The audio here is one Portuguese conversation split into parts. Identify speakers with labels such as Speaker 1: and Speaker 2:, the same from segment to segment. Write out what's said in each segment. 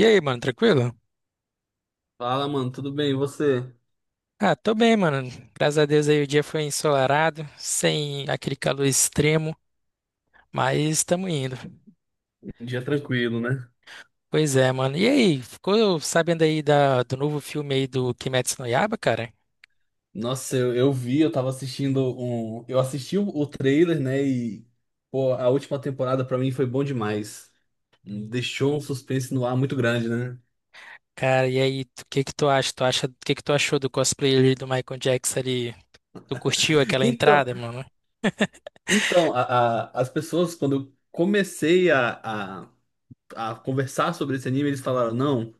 Speaker 1: E aí, mano, tranquilo?
Speaker 2: Fala, mano, tudo bem? E você?
Speaker 1: Ah, tô bem, mano. Graças a Deus aí o dia foi ensolarado, sem aquele calor extremo, mas estamos indo.
Speaker 2: Um dia tranquilo, né?
Speaker 1: Pois é, mano. E aí, ficou sabendo aí do novo filme aí do Kimetsu no Yaiba, cara?
Speaker 2: Nossa, eu vi, eu tava assistindo um. Eu assisti o trailer, né? E, pô, a última temporada pra mim foi bom demais. Deixou um suspense no ar muito grande, né?
Speaker 1: Cara, e aí, o que que tu acha? O que que tu achou do cosplay ali do Michael Jackson ali? Tu curtiu aquela
Speaker 2: Então,
Speaker 1: entrada, mano?
Speaker 2: então, as pessoas, quando eu comecei a conversar sobre esse anime, eles falaram: não.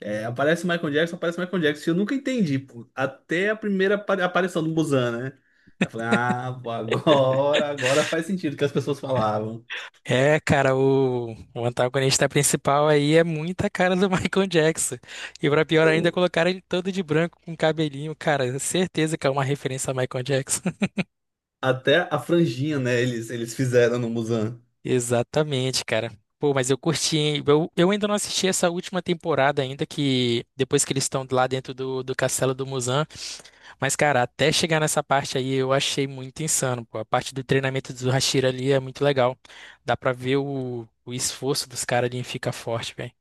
Speaker 2: É, aparece o Michael Jackson, aparece o Michael Jackson. E eu nunca entendi, pô. Até a primeira aparição do Muzan, né? Eu falei, ah, pô, agora faz sentido o que as pessoas falavam.
Speaker 1: É, cara, o antagonista principal aí é muita cara do Michael Jackson. E pra pior ainda,
Speaker 2: O-
Speaker 1: colocaram ele todo de branco com cabelinho, cara. Certeza que é uma referência a Michael Jackson.
Speaker 2: Até a franjinha, né? Eles fizeram no Muzan.
Speaker 1: Exatamente, cara. Pô, mas eu curti, hein? Eu ainda não assisti essa última temporada ainda, que depois que eles estão lá dentro do castelo do Muzan. Mas, cara, até chegar nessa parte aí, eu achei muito insano, pô. A parte do treinamento do Hashira ali é muito legal. Dá pra ver o esforço dos caras ali em ficar forte, velho.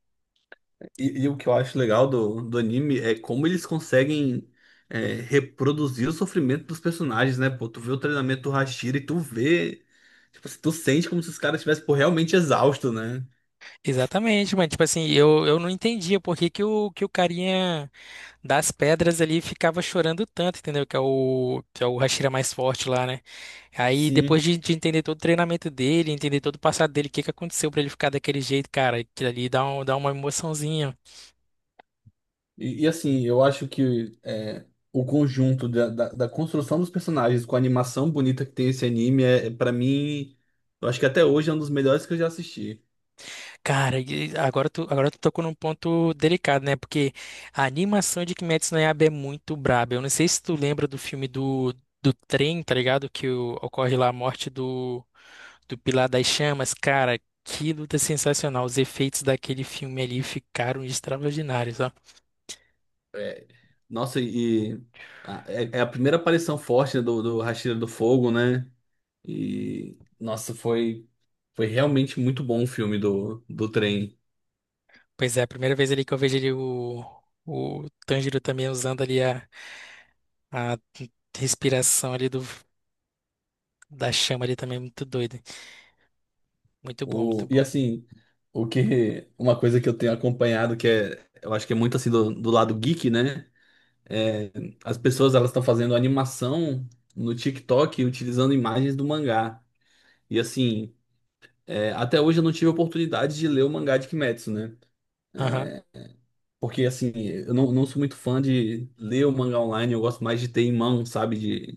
Speaker 2: E o que eu acho legal do anime é como eles conseguem é, reproduzir o sofrimento dos personagens, né? Pô, tu vê o treinamento do Hashira e tu vê. Tipo assim, tu sente como se os caras estivessem, pô, realmente exaustos, né?
Speaker 1: Exatamente, mas tipo assim, eu não entendia por que que o carinha das pedras ali ficava chorando tanto, entendeu? Que é o Hashira mais forte lá, né? Aí depois
Speaker 2: Sim.
Speaker 1: de entender todo o treinamento dele, entender todo o passado dele, o que que aconteceu pra ele ficar daquele jeito, cara, aquilo ali dá uma emoçãozinha.
Speaker 2: E, assim, eu acho que é, o conjunto da construção dos personagens com a animação bonita que tem esse anime, é, é, para mim, eu acho que até hoje é um dos melhores que eu já assisti.
Speaker 1: Cara, e agora agora tu tocou num ponto delicado, né? Porque a animação de Kimetsu no Yaiba é muito braba. Eu não sei se tu lembra do filme do trem, tá ligado? Que ocorre lá a morte do Pilar das Chamas. Cara, que luta sensacional. Os efeitos daquele filme ali ficaram extraordinários, ó.
Speaker 2: É, nossa, e é a primeira aparição forte, né, do Hashira do Fogo, né? E, nossa, foi realmente muito bom o filme do trem.
Speaker 1: Pois é, a primeira vez ali que eu vejo ali o Tanjiro também usando ali a respiração ali da chama ali também, é muito doido. Muito bom, muito
Speaker 2: E
Speaker 1: bom.
Speaker 2: assim, uma coisa que eu tenho acompanhado, que é, eu acho que é muito assim do lado geek, né? É, as pessoas elas estão fazendo animação no TikTok utilizando imagens do mangá. E assim, é, até hoje eu não tive a oportunidade de ler o mangá de Kimetsu, né? Porque assim, eu não sou muito fã de ler o mangá online, eu gosto mais de ter em mão, sabe?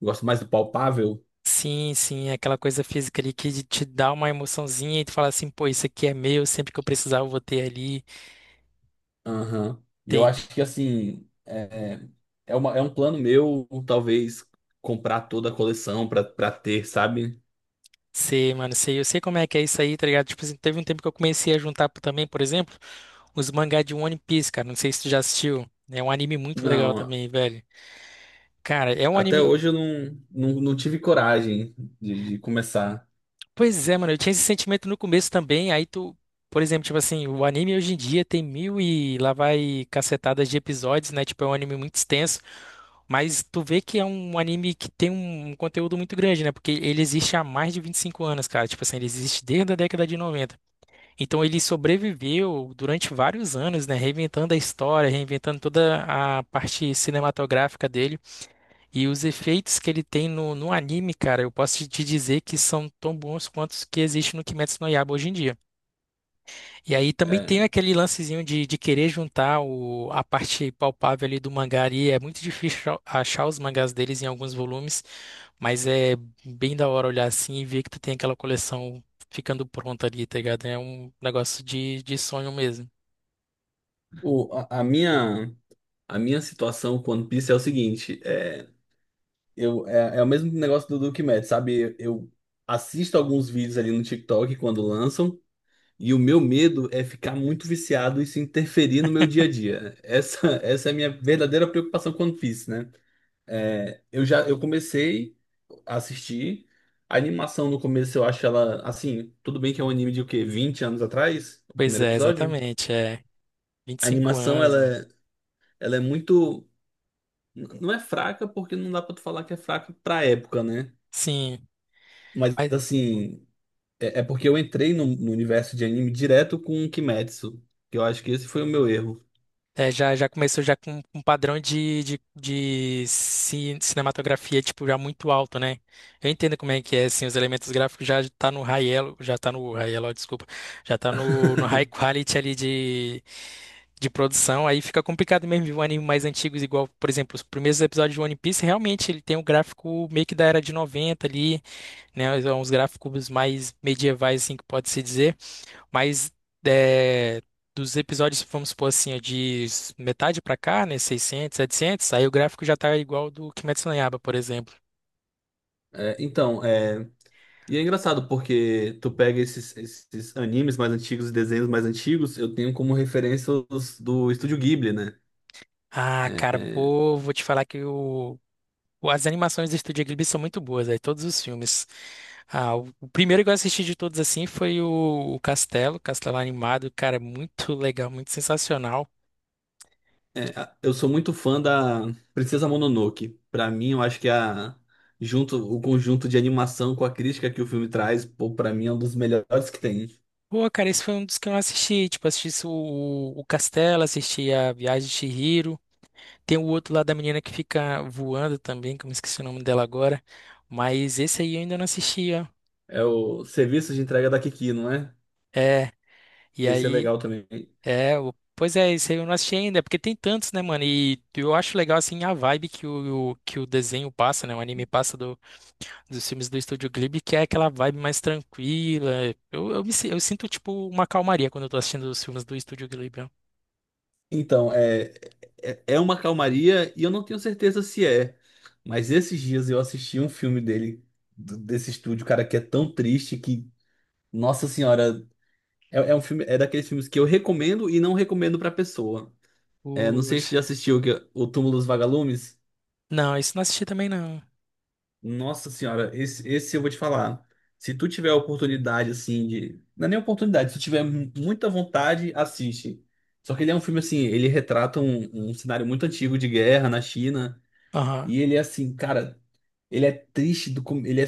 Speaker 2: Eu gosto mais do palpável.
Speaker 1: Sim, sim, é aquela coisa física ali que te dá uma emoçãozinha e tu fala assim, pô, isso aqui é meu, sempre que eu precisar eu vou ter ali.
Speaker 2: Aham. E eu
Speaker 1: Tem,
Speaker 2: acho que assim, é um plano meu, talvez, comprar toda a coleção para ter, sabe?
Speaker 1: mano, eu sei como é que é isso aí, tá ligado? Tipo assim, teve um tempo que eu comecei a juntar também, por exemplo, os mangá de One Piece, cara, não sei se tu já assistiu, né? É um anime muito legal
Speaker 2: Não.
Speaker 1: também, velho. Cara, é um
Speaker 2: Até
Speaker 1: anime.
Speaker 2: hoje eu não tive coragem de começar.
Speaker 1: Pois é, mano, eu tinha esse sentimento no começo também, aí tu. Por exemplo, tipo assim, o anime hoje em dia tem mil e lá vai cacetadas de episódios, né? Tipo, é um anime muito extenso. Mas tu vê que é um anime que tem um conteúdo muito grande, né? Porque ele existe há mais de 25 anos, cara. Tipo assim, ele existe desde a década de 90. Então ele sobreviveu durante vários anos, né? Reinventando a história, reinventando toda a parte cinematográfica dele. E os efeitos que ele tem no anime, cara, eu posso te dizer que são tão bons quanto os que existem no Kimetsu no Yaiba hoje em dia. E aí também tem
Speaker 2: É,
Speaker 1: aquele lancezinho de querer juntar a parte palpável ali do mangá e é muito difícil achar os mangás deles em alguns volumes, mas é bem da hora olhar assim e ver que tu tem aquela coleção ficando pronta ali, tá ligado? É um negócio de sonho mesmo.
Speaker 2: o, a, a minha, a minha situação com One Piece é o seguinte: é o mesmo negócio do Duke Mad, sabe? Eu assisto alguns vídeos ali no TikTok quando lançam, e o meu medo é ficar muito viciado e se interferir no meu dia a dia. Essa é a minha verdadeira preocupação com One Piece, né? É, eu já eu comecei a assistir. A animação no começo eu acho ela assim, tudo bem que é um anime de o quê? 20 anos atrás, o
Speaker 1: Pois
Speaker 2: primeiro
Speaker 1: é,
Speaker 2: episódio.
Speaker 1: exatamente, é vinte e
Speaker 2: A
Speaker 1: cinco
Speaker 2: animação
Speaker 1: anos,
Speaker 2: ela
Speaker 1: mano.
Speaker 2: é, ela é muito não é fraca porque não dá pra tu falar que é fraca pra época, né?
Speaker 1: Sim.
Speaker 2: Mas
Speaker 1: Mas-
Speaker 2: assim, é porque eu entrei no, no universo de anime direto com o Kimetsu, que eu acho que esse foi o meu erro.
Speaker 1: É, já começou já com um padrão de cinematografia, tipo, já muito alto, né? Eu entendo como é que é, assim, os elementos gráficos já tá no high elo, já tá no high elo, desculpa, já tá no high quality ali de produção, aí fica complicado mesmo ver um anime mais antigo, igual, por exemplo, os primeiros episódios de One Piece, realmente ele tem um gráfico meio que da era de 90 ali, né? Uns gráficos mais medievais, assim, que pode-se dizer. Mas é, dos episódios, vamos supor assim, é de metade pra cá, né? 600, 700, aí o gráfico já tá igual do Kimetsu no Yaiba, por exemplo.
Speaker 2: É, então, é, e é engraçado porque tu pega esses animes mais antigos e desenhos mais antigos, eu tenho como referência os do Estúdio Ghibli, né?
Speaker 1: Ah, cara,
Speaker 2: É,
Speaker 1: pô, vou te falar que as animações do Estúdio Ghibli são muito boas, aí todos os filmes. Ah, o primeiro que eu assisti de todos assim foi o Castelo Animado, cara, muito legal, muito sensacional.
Speaker 2: eu sou muito fã da Princesa Mononoke. Pra mim, eu acho que a junto o conjunto de animação com a crítica que o filme traz, pô, para mim é um dos melhores que tem.
Speaker 1: Pô, cara, esse foi um dos que eu não assisti, tipo, assisti o Castelo, assisti a Viagem de Chihiro. Tem o outro lá da menina que fica voando também, que eu me esqueci o nome dela agora. Mas esse aí eu ainda não assisti, ó.
Speaker 2: É o serviço de entrega da Kiki, não é?
Speaker 1: É, e
Speaker 2: Esse é
Speaker 1: aí,
Speaker 2: legal também.
Speaker 1: é, pois é, esse aí eu não assisti ainda, porque tem tantos, né, mano? E eu acho legal, assim, a vibe que que o desenho passa, né? O anime passa dos filmes do Estúdio Ghibli, que é aquela vibe mais tranquila. Eu sinto, tipo, uma calmaria quando eu tô assistindo os filmes do Estúdio Ghibli, ó.
Speaker 2: Então, é uma calmaria e eu não tenho certeza se é. Mas esses dias eu assisti um filme dele, desse estúdio, cara, que é tão triste que, nossa senhora, é um filme, é daqueles filmes que eu recomendo e não recomendo pra pessoa. É, não sei se você já
Speaker 1: Poxa.
Speaker 2: assistiu que- é O Túmulo dos Vagalumes.
Speaker 1: Não, isso não assisti também, não.
Speaker 2: Nossa senhora, esse eu vou te falar. Se tu tiver a oportunidade, assim, de. Não é nem oportunidade, se tu tiver muita vontade, assiste. Só que ele é um filme assim, ele retrata um cenário muito antigo de guerra na China.
Speaker 1: Aham.
Speaker 2: E ele é assim, cara, ele é triste do com- ele é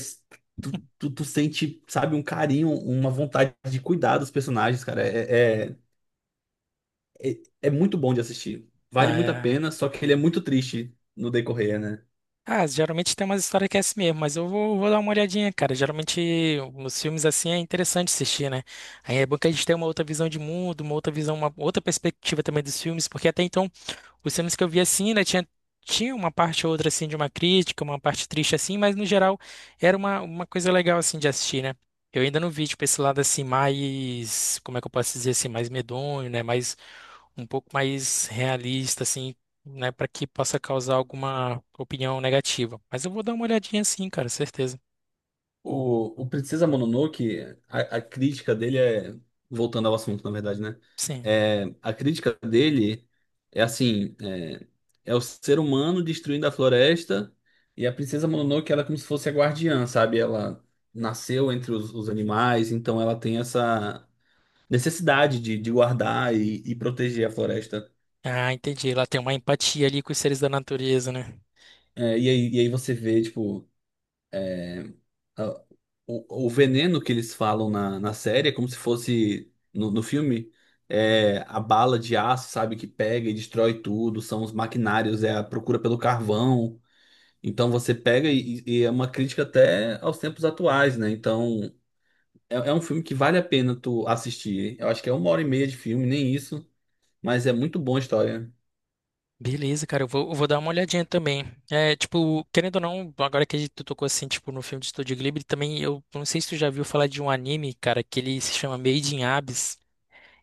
Speaker 2: tu, tu, tu sente, sabe, um carinho, uma vontade de cuidar dos personagens, cara. É, muito bom de assistir. Vale
Speaker 1: Ah,
Speaker 2: muito a
Speaker 1: é.
Speaker 2: pena, só que ele é muito triste no decorrer, né?
Speaker 1: Ah, geralmente tem umas histórias que é assim mesmo, mas eu vou dar uma olhadinha, cara. Geralmente os filmes assim é interessante assistir, né? Aí é bom que a gente tem uma outra visão de mundo, uma outra perspectiva também dos filmes, porque até então os filmes que eu vi assim, né, tinha uma parte ou outra, assim, de uma crítica, uma parte triste, assim, mas no geral era uma coisa legal, assim, de assistir, né? Eu ainda não vi, tipo, esse lado, assim, mais, como é que eu posso dizer, assim, mais medonho, né, mais, um pouco mais realista, assim, né, para que possa causar alguma opinião negativa. Mas eu vou dar uma olhadinha, assim, cara, certeza.
Speaker 2: O Princesa Mononoke, a crítica dele é. Voltando ao assunto, na verdade, né?
Speaker 1: Sim.
Speaker 2: É, a crítica dele é assim: é o ser humano destruindo a floresta e a Princesa Mononoke, ela é como se fosse a guardiã, sabe? Ela nasceu entre os animais, então ela tem essa necessidade de guardar e proteger a floresta.
Speaker 1: Ah, entendi. Ela tem uma empatia ali com os seres da natureza, né?
Speaker 2: É, e aí você vê, tipo. Ah, o veneno que eles falam na série é como se fosse no filme é a bala de aço, sabe, que pega e destrói tudo, são os maquinários, é a procura pelo carvão. Então você pega e é uma crítica até aos tempos atuais, né? Então é, é um filme que vale a pena tu assistir. Eu acho que é uma hora e meia de filme, nem isso, mas é muito boa a história.
Speaker 1: Beleza, cara, eu vou dar uma olhadinha também. É, tipo, querendo ou não, agora que a gente tocou assim, tipo, no filme de Estúdio Ghibli, também eu não sei se tu já viu falar de um anime, cara, que ele se chama Made in Abyss.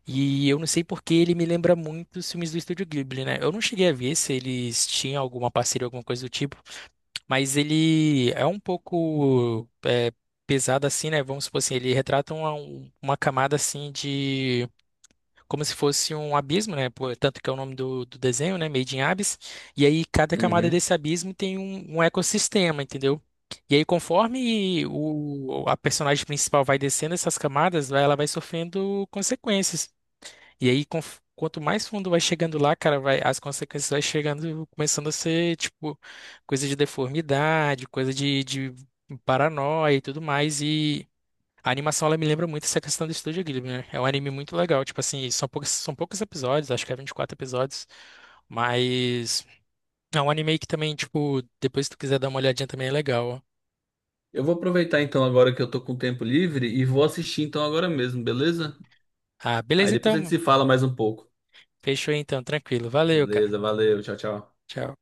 Speaker 1: E eu não sei porque ele me lembra muito os filmes do Estúdio Ghibli, né? Eu não cheguei a ver se eles tinham alguma parceria, alguma coisa do tipo, mas ele é um pouco pesado assim, né? Vamos supor assim, ele retrata uma camada assim de como se fosse um abismo, né? Pô, tanto que é o nome do desenho, né? Made in Abyss. E aí cada camada
Speaker 2: Uhum.
Speaker 1: desse abismo tem um ecossistema, entendeu? E aí conforme a personagem principal vai descendo essas camadas, ela vai sofrendo consequências. E aí quanto mais fundo vai chegando lá, cara, as consequências vai chegando, começando a ser tipo coisa de deformidade, coisa de paranoia e tudo mais. E a animação, ela me lembra muito essa questão do Estúdio Ghibli, né? É um anime muito legal, tipo assim, são poucos episódios, acho que é 24 episódios, mas é um anime que também, tipo, depois se tu quiser dar uma olhadinha também é legal.
Speaker 2: Eu vou aproveitar então agora que eu tô com tempo livre e vou assistir então agora mesmo, beleza?
Speaker 1: Ah,
Speaker 2: Aí
Speaker 1: beleza
Speaker 2: depois a gente
Speaker 1: então,
Speaker 2: se fala mais um pouco.
Speaker 1: fechou então, tranquilo. Valeu, cara.
Speaker 2: Beleza, valeu, tchau, tchau.
Speaker 1: Tchau.